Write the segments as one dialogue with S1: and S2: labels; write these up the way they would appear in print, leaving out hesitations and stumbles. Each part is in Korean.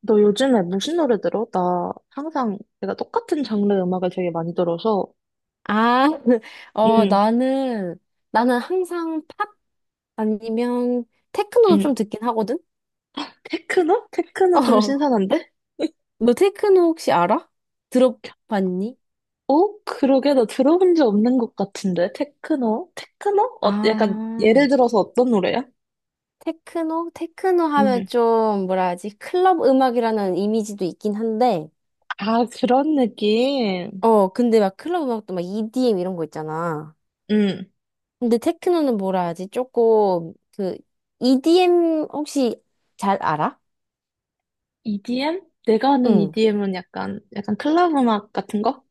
S1: 너 요즘에 무슨 노래 들어? 나 항상 내가 똑같은 장르 음악을 되게 많이 들어서.
S2: 아, 어,
S1: 응,
S2: 나는, 나는 항상 팝 아니면 테크노도
S1: 응.
S2: 좀 듣긴 하거든?
S1: 테크노? 테크노 좀
S2: 어,
S1: 신선한데?
S2: 너 테크노 혹시 알아? 들어봤니?
S1: 어? 그러게 나 들어본 적 없는 것 같은데? 테크노? 테크노? 어, 약간
S2: 아,
S1: 예를 들어서 어떤 노래야?
S2: 테크노? 테크노 하면
S1: 응.
S2: 좀, 뭐라 하지? 클럽 음악이라는 이미지도 있긴 한데,
S1: 아, 그런 느낌.
S2: 근데 막 클럽 음악도 막 EDM 이런 거 있잖아.
S1: 응.
S2: 근데 테크노는 뭐라 하지? 조금, 그, EDM 혹시 잘 알아?
S1: EDM? 내가 아는
S2: 응.
S1: EDM은 약간, 약간 클럽 음악 같은 거?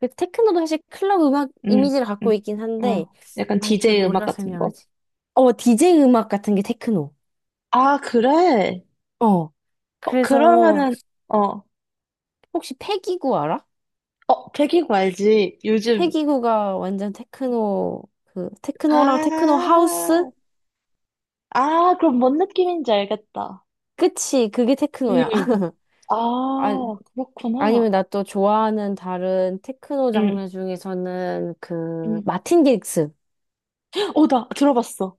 S2: 그 테크노도 사실 클럽 음악
S1: 응,
S2: 이미지를 갖고
S1: 응.
S2: 있긴
S1: 어.
S2: 한데,
S1: 약간
S2: 아, 이걸
S1: DJ 음악
S2: 뭐라
S1: 같은 거?
S2: 설명하지? 어, 제이 음악 같은 게 테크노.
S1: 아, 그래?
S2: 어,
S1: 어,
S2: 그래서,
S1: 그러면은, 어,
S2: 혹시 패기구 알아?
S1: 어, 튀기고 알지? 요즘,
S2: 패기구가 완전 테크노, 그, 테크노랑 테크노
S1: 아,
S2: 하우스?
S1: 아, 그럼 뭔 느낌인지 알겠다.
S2: 끝이, 그게 테크노야.
S1: 음.
S2: 아,
S1: 아, 그렇구나.
S2: 아니면 나 또 좋아하는 다른 테크노
S1: 응,
S2: 장르 중에서는 그,
S1: 응.
S2: 마틴 게릭스.
S1: 어, 나 들어봤어.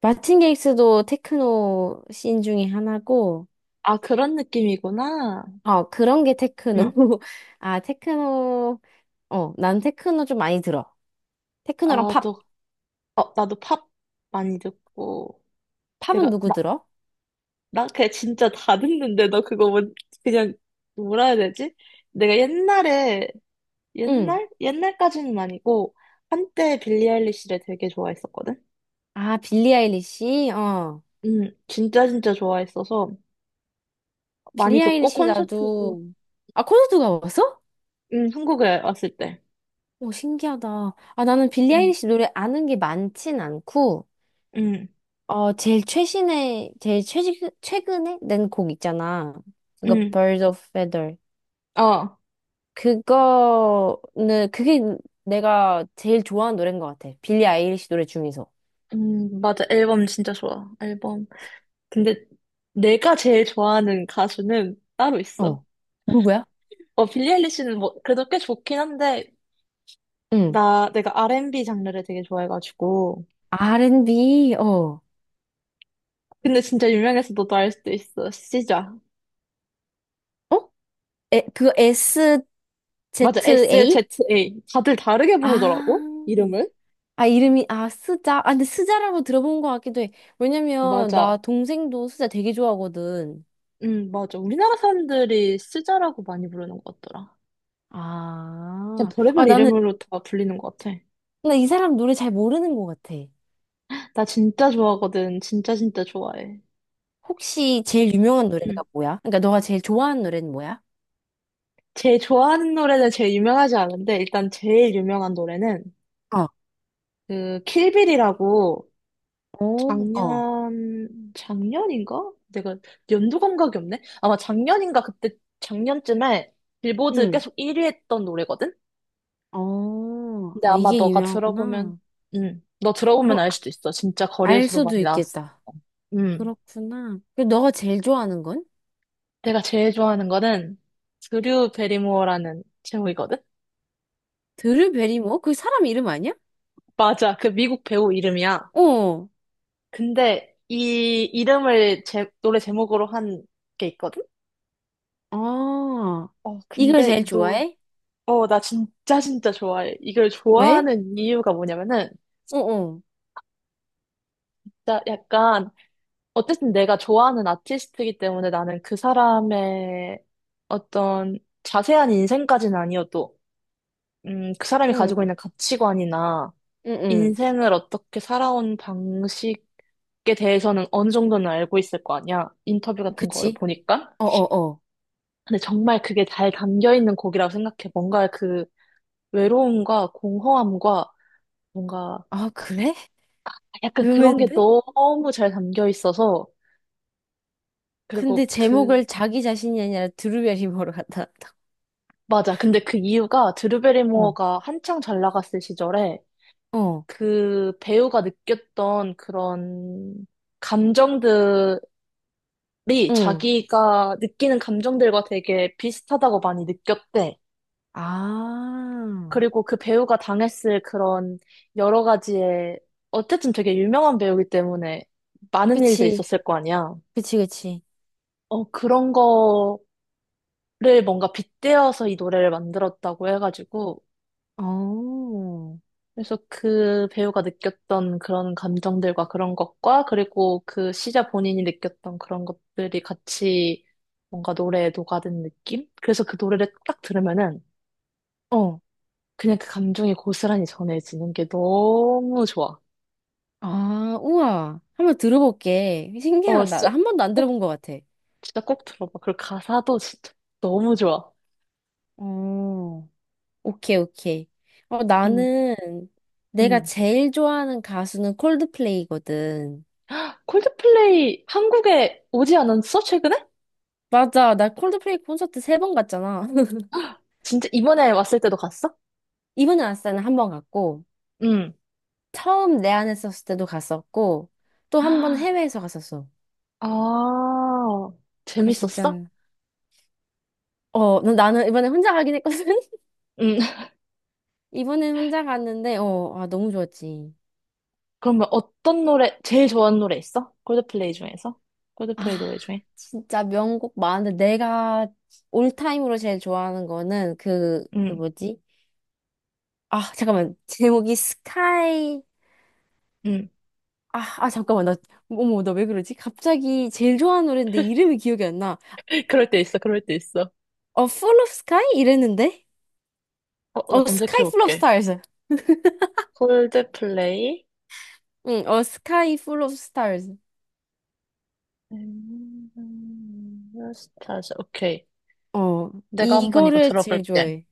S2: 마틴 게릭스도 테크노 씬 중에 하나고,
S1: 아, 그런 느낌이구나.
S2: 어, 그런 게 테크노.
S1: 음.
S2: 아, 테크노, 어, 난 테크노 좀 많이 들어. 테크노랑
S1: 아,
S2: 팝.
S1: 또, 어, 나도 팝 많이 듣고.
S2: 팝은
S1: 내가,
S2: 누구
S1: 나,
S2: 들어?
S1: 나 그냥 진짜 다 듣는데, 너 그거 뭐, 그냥, 뭐라 해야 되지? 내가 옛날에,
S2: 응.
S1: 옛날? 옛날까지는 아니고, 한때 빌리 아일리시를 되게 좋아했었거든?
S2: 아, 빌리 아일리시? 어.
S1: 진짜 진짜 좋아했어서 많이
S2: 빌리
S1: 듣고
S2: 아일리시
S1: 콘서트도
S2: 나도, 아, 콘서트 가봤어?
S1: 한국에 왔을 때.
S2: 오, 신기하다. 아, 나는 빌리
S1: 음,
S2: 아일리시 노래 아는 게 많진 않고,
S1: 음,
S2: 어, 제일 최신의, 제일 최지, 최근에 낸 곡 있잖아. 그거,
S1: 음.
S2: Birds of Feather.
S1: 어,
S2: 그게 내가 제일 좋아하는 노래인 것 같아. 빌리 아일리시 노래 중에서.
S1: 맞아. 앨범 진짜 좋아. 앨범. 근데 내가 제일 좋아하는 가수는 따로 있어.
S2: 어. 누구야?
S1: 어, 빌리 아일리시는 뭐 그래도 꽤 좋긴 한데
S2: 응.
S1: 나 내가 R&B 장르를 되게 좋아해가지고.
S2: R&B, 어.
S1: 근데 진짜 유명해서 너도 알 수도 있어. 시자.
S2: 어? 에, 그거
S1: 맞아. SZA.
S2: SZA?
S1: 다들 다르게
S2: 아,
S1: 부르더라고. 이름을.
S2: 아, 스자? 아, 근데 스자라고 들어본 것 같기도 해. 왜냐면, 나
S1: 맞아.
S2: 동생도 스자 되게 좋아하거든.
S1: 맞아. 우리나라 사람들이 쓰자라고 많이 부르는 것 같더라. 그냥
S2: 아, 아,
S1: 별의별
S2: 나는,
S1: 이름으로 다 불리는 것 같아.
S2: 나 이 사람 노래 잘 모르는 것 같아.
S1: 나 진짜 좋아하거든. 진짜 진짜 좋아해.
S2: 혹시 제일 유명한 노래가
S1: 음.
S2: 뭐야? 그러니까 너가 제일 좋아하는 노래는 뭐야?
S1: 제일 좋아하는 노래는 제일 유명하지 않은데, 일단 제일 유명한 노래는,
S2: 어,
S1: 그, 킬빌이라고,
S2: 오, 어.
S1: 작년인가? 내가 연도 감각이 없네? 아마 작년인가? 그때, 작년쯤에 빌보드
S2: 응.
S1: 계속 1위 했던 노래거든?
S2: 어,
S1: 근데
S2: 아,
S1: 아마
S2: 이게
S1: 너가 들어보면,
S2: 유명하구나.
S1: 너 들어보면
S2: 그럼
S1: 알
S2: 아-
S1: 수도 있어. 진짜
S2: 알
S1: 거리에서도 많이
S2: 수도
S1: 나왔어.
S2: 있겠다.
S1: 음,
S2: 그렇구나. 그럼 너가 제일 좋아하는 건?
S1: 내가 제일 좋아하는 거는 드류 베리모어라는 제목이거든?
S2: 드르베리모? 그 사람 이름 아니야?
S1: 맞아, 그 미국 배우 이름이야.
S2: 어,
S1: 근데 이 이름을 제, 노래 제목으로 한 게 있거든?
S2: 아,
S1: 어,
S2: 이걸
S1: 근데
S2: 제일
S1: 이 노래,
S2: 좋아해?
S1: 어, 나 진짜 진짜 좋아해. 이걸
S2: 왜?
S1: 좋아하는 이유가 뭐냐면은,
S2: 어, 어,
S1: 진짜 약간 어쨌든 내가 좋아하는 아티스트이기 때문에 나는 그 사람의 어떤 자세한 인생까지는 아니어도, 그 사람이
S2: 응,
S1: 가지고 있는 가치관이나
S2: 응, 응.
S1: 인생을 어떻게 살아온 방식에 대해서는 어느 정도는 알고 있을 거 아니야. 인터뷰 같은 거를
S2: 그치?
S1: 보니까.
S2: 어, 어, 어.
S1: 근데 정말 그게 잘 담겨 있는 곡이라고 생각해. 뭔가 그 외로움과 공허함과 뭔가
S2: 아, 그래?
S1: 약간 그런 게
S2: 의외인데?
S1: 너무 잘 담겨 있어서,
S2: 근데
S1: 그리고 그
S2: 제목을 자기 자신이 아니라 드루베리모로 갖다 놨다.
S1: 맞아. 근데 그 이유가 드루베리모어가 한창 잘 나갔을 시절에
S2: 어. 어,
S1: 그 배우가 느꼈던 그런 감정들이
S2: 응.
S1: 자기가 느끼는 감정들과 되게 비슷하다고 많이 느꼈대.
S2: 아,
S1: 그리고 그 배우가 당했을 그런 여러 가지의 어쨌든 되게 유명한 배우이기 때문에 많은 일들이
S2: 그치,
S1: 있었을 거 아니야.
S2: 그치, 그치.
S1: 어, 그런 거를 뭔가 빗대어서 이 노래를 만들었다고 해가지고
S2: 어,
S1: 그래서 그 배우가 느꼈던 그런 감정들과 그런 것과 그리고 그 시자 본인이 느꼈던 그런 것들이 같이 뭔가 노래에 녹아든 느낌? 그래서 그 노래를 딱 들으면은
S2: 어.
S1: 그냥 그 감정이 고스란히 전해지는 게 너무 좋아.
S2: 아, 우와. 한번 들어볼게.
S1: 어,
S2: 신기하다.
S1: 진짜
S2: 나 한 번도 안
S1: 꼭,
S2: 들어본 것 같아.
S1: 진짜 꼭 들어봐. 그리고 가사도 진짜 너무 좋아.
S2: 어. 오케이, 오케이. 어,
S1: 음,
S2: 나는 내가
S1: 음.
S2: 제일 좋아하는 가수는 콜드플레이거든.
S1: 콜드플레이 한국에 오지 않았어? 최근에?
S2: 맞아. 나 콜드플레이 콘서트 세 번 갔잖아.
S1: 진짜 이번에 왔을 때도 갔어?
S2: 이번에 왔을 때는 한 번 갔고,
S1: 음.
S2: 처음 내한 했었을 때도 갔었고, 또 한 번 해외에서 갔었어.
S1: 아,
S2: 그 진짜,
S1: 재밌었어?
S2: 나는 이번에 혼자 가긴 했거든?
S1: 음,
S2: 이번엔 혼자 갔는데, 어, 아, 너무 좋았지.
S1: 그러면 어떤 노래, 제일 좋아하는 노래 있어? 콜드플레이 중에서? 콜드플레이
S2: 아,
S1: 노래 중에?
S2: 진짜 명곡 많은데, 내가 올타임으로 제일 좋아하는 거는 그, 그
S1: 음,
S2: 뭐지? 아, 잠깐만. 제목이 스카이.
S1: 음.
S2: 아, 아, 잠깐만. 나, 어머, 나 왜 그러지? 갑자기 제일 좋아하는 노래인데 이름이 기억이 안 나.
S1: 그럴 때 있어, 그럴 때 있어.
S2: 어, Full of Sky? 이랬는데?
S1: 어, 나
S2: 어, Sky Full of
S1: 검색해볼게.
S2: Stars.
S1: 콜드플레이,
S2: 응, 어, Sky Full of Stars.
S1: 스타즈, 오케이.
S2: 어,
S1: 내가 한번 이거
S2: 이거를 제일
S1: 들어볼게.
S2: 좋아해.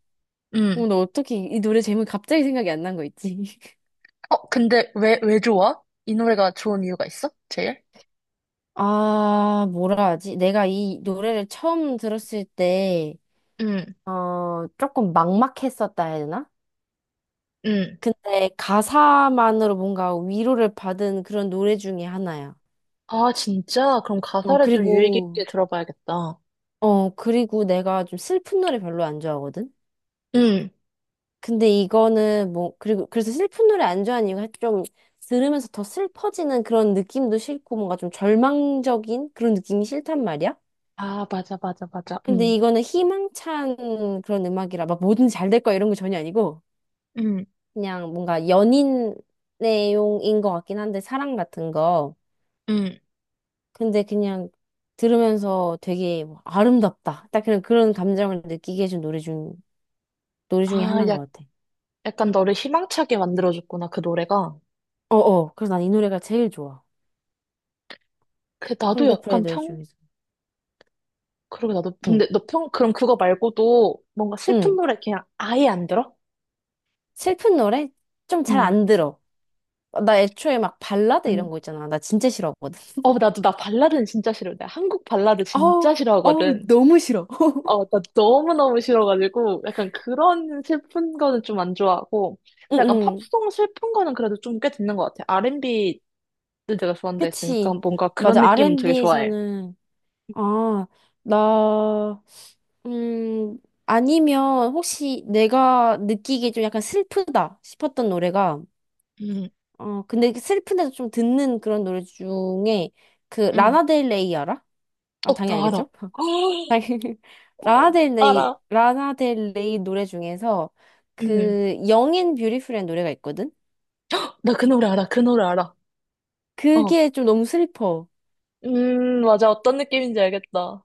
S1: 음.
S2: 어머, 나 어떻게 이 노래 제목이 갑자기 생각이 안 난 거 있지?
S1: 근데 왜, 왜 좋아? 이 노래가 좋은 이유가 있어? 제일?
S2: 아, 뭐라 하지? 내가 이 노래를 처음 들었을 때,
S1: 음,
S2: 어, 조금 막막했었다 해야 되나?
S1: 음.
S2: 근데 가사만으로 뭔가 위로를 받은 그런 노래 중에 하나야.
S1: 아, 진짜? 그럼
S2: 어,
S1: 가사를 좀 유의
S2: 그리고,
S1: 깊게 들어봐야겠다.
S2: 어, 그리고 내가 좀 슬픈 노래 별로 안 좋아하거든?
S1: 음.
S2: 근데 이거는 뭐, 그래서 슬픈 노래 안 좋아하는 이유가 좀 들으면서 더 슬퍼지는 그런 느낌도 싫고 뭔가 좀 절망적인 그런 느낌이 싫단 말이야?
S1: 아, 맞아, 맞아, 맞아.
S2: 근데 이거는 희망찬 그런 음악이라 막 뭐든 잘 될 거야 이런 거 전혀 아니고
S1: 음,
S2: 그냥 뭔가 연인 내용인 것 같긴 한데 사랑 같은 거.
S1: 음.
S2: 근데 그냥 들으면서 되게 뭐 아름답다. 딱 그런 그런 감정을 느끼게 해준 노래 중에
S1: 아,
S2: 하나인 것 같아.
S1: 약간 너를 희망차게 만들어줬구나, 그 노래가.
S2: 어어. 그래서 난 이 노래가 제일 좋아.
S1: 그, 나도
S2: 콜드플레이
S1: 약간
S2: 노래
S1: 평,
S2: 중에서.
S1: 그러게 나도,
S2: 응.
S1: 근데 너 평, 그럼 그거 말고도 뭔가 슬픈
S2: 응.
S1: 노래 그냥 아예 안 들어?
S2: 슬픈 노래 좀 잘
S1: 응,
S2: 안 들어. 나 애초에 막 발라드 이런
S1: 응.
S2: 거 있잖아. 나 진짜 싫어하거든.
S1: 나 발라드는 진짜 싫어. 나 한국 발라드 진짜
S2: 어우, 어우,
S1: 싫어하거든.
S2: 너무 싫어.
S1: 어, 나 너무너무 싫어가지고, 약간 그런 슬픈 거는 좀 안 좋아하고, 근데 약간
S2: 응응.
S1: 팝송 슬픈 거는 그래도 좀 꽤 듣는 것 같아. R&B는 내가 좋아한다 했으니까
S2: 그치.
S1: 뭔가 그런
S2: 맞아.
S1: 느낌은 되게 좋아해.
S2: R&B에서는 아, 나 음, 아니면 혹시 내가 느끼기에 좀 약간 슬프다 싶었던 노래가,
S1: 응,
S2: 어, 근데 그 슬픈데도 좀 듣는 그런 노래 중에 그
S1: 응.
S2: 라나델레이 알아? 아,
S1: 어,
S2: 당연히
S1: 나 알아.
S2: 알겠죠? 당연히.
S1: 어, 알아.
S2: 라나델레이 노래 중에서
S1: 응.
S2: 그 Young and Beautiful이라는 노래가 있거든?
S1: 나 그 노래 알아. 그 노래 알아. 어.
S2: 그게 좀 너무 슬퍼.
S1: 맞아. 어떤 느낌인지 알겠다.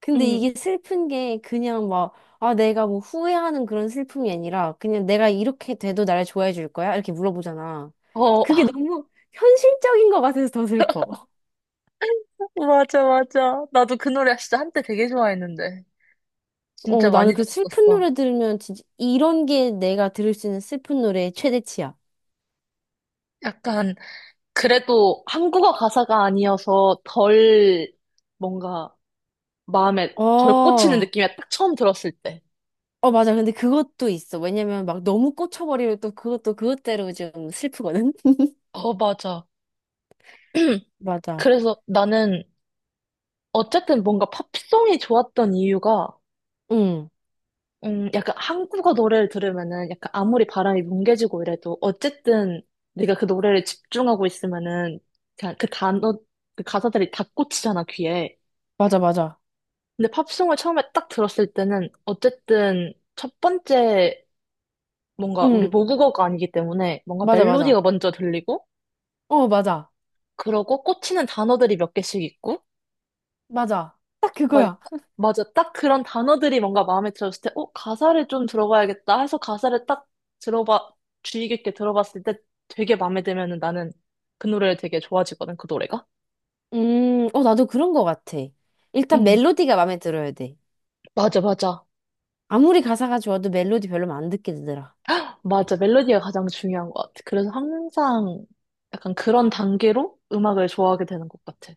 S2: 근데
S1: 응.
S2: 이게 슬픈 게 아, 내가 뭐 후회하는 그런 슬픔이 아니라 그냥 내가 이렇게 돼도 나를 좋아해 줄 거야? 이렇게 물어보잖아.
S1: 어.
S2: 그게 너무 현실적인 것 같아서 더 슬퍼.
S1: 맞아, 맞아. 나도 그 노래 진짜 한때 되게 좋아했는데. 진짜
S2: 어, 나는
S1: 많이
S2: 그 슬픈
S1: 들었었어.
S2: 노래 들으면 진짜 이런 게 내가 들을 수 있는 슬픈 노래의 최대치야.
S1: 약간, 그래도 한국어 가사가 아니어서 덜, 뭔가, 마음에
S2: 어,
S1: 덜 꽂히는
S2: 어,
S1: 느낌이야. 딱 처음 들었을 때.
S2: 맞아. 근데 그것도 있어. 왜냐면 막 너무 꽂혀버리면 또 그것도 그것대로 좀 슬프거든?
S1: 어, 맞아.
S2: 맞아.
S1: 그래서 나는, 어쨌든 뭔가 팝송이 좋았던 이유가
S2: 응,
S1: 약간 한국어 노래를 들으면은 약간 아무리 바람이 뭉개지고 이래도 어쨌든 내가 그 노래를 집중하고 있으면은 그냥 그 단어, 그 가사들이 다 꽂히잖아, 귀에.
S2: 맞아, 맞아.
S1: 근데 팝송을 처음에 딱 들었을 때는 어쨌든 첫 번째 뭔가 우리
S2: 응,
S1: 모국어가 아니기 때문에 뭔가
S2: 맞아,
S1: 멜로디가
S2: 맞아.
S1: 먼저 들리고
S2: 어, 맞아.
S1: 그러고 꽂히는 단어들이 몇 개씩 있고
S2: 맞아. 딱
S1: 맞아,
S2: 그거야.
S1: 맞아. 딱 그런 단어들이 뭔가 마음에 들었을 때, 어, 가사를 좀 들어봐야겠다 해서 가사를 딱 들어봐, 주의 깊게 들어봤을 때 되게 마음에 들면은 나는 그 노래를 되게 좋아지거든, 그 노래가.
S2: 어, 나도 그런 거 같아. 일단
S1: 응,
S2: 멜로디가 마음에 들어야 돼.
S1: 맞아, 맞아.
S2: 아무리 가사가 좋아도 멜로디 별로면 안 듣게 되더라.
S1: 맞아. 멜로디가 가장 중요한 것 같아. 그래서 항상 약간 그런 단계로 음악을 좋아하게 되는 것 같아.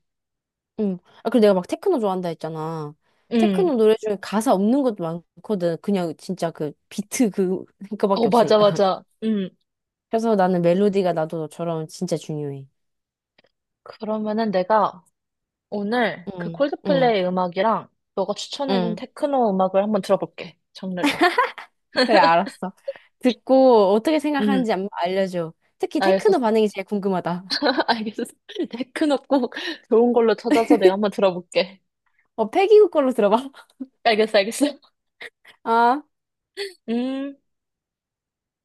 S2: 응. 아, 그리고 내가 막 테크노 좋아한다 했잖아.
S1: 응,
S2: 테크노 노래 중에 가사 없는 것도 많거든. 그냥 진짜 그 비트 그,
S1: 어,
S2: 그거밖에
S1: 맞아,
S2: 없으니까.
S1: 맞아. 응.
S2: 그래서 나는 멜로디가 나도 너처럼 진짜 중요해.
S1: 그러면은 내가 오늘 그
S2: 응, 응,
S1: 콜드플레이 음악이랑 너가 추천해준
S2: 응.
S1: 테크노 음악을 한번 들어볼게, 장르를.
S2: 그래, 알았어. 듣고 어떻게
S1: 응.
S2: 생각하는지 알려줘. 특히
S1: 알겠어.
S2: 테크노 반응이 제일 궁금하다.
S1: 알겠어. 데크노 꼭 좋은 걸로 찾아서 내가 한번 들어볼게.
S2: 어, 패기국 걸로 들어봐.
S1: 알겠어, 알겠어.
S2: 아.
S1: 음.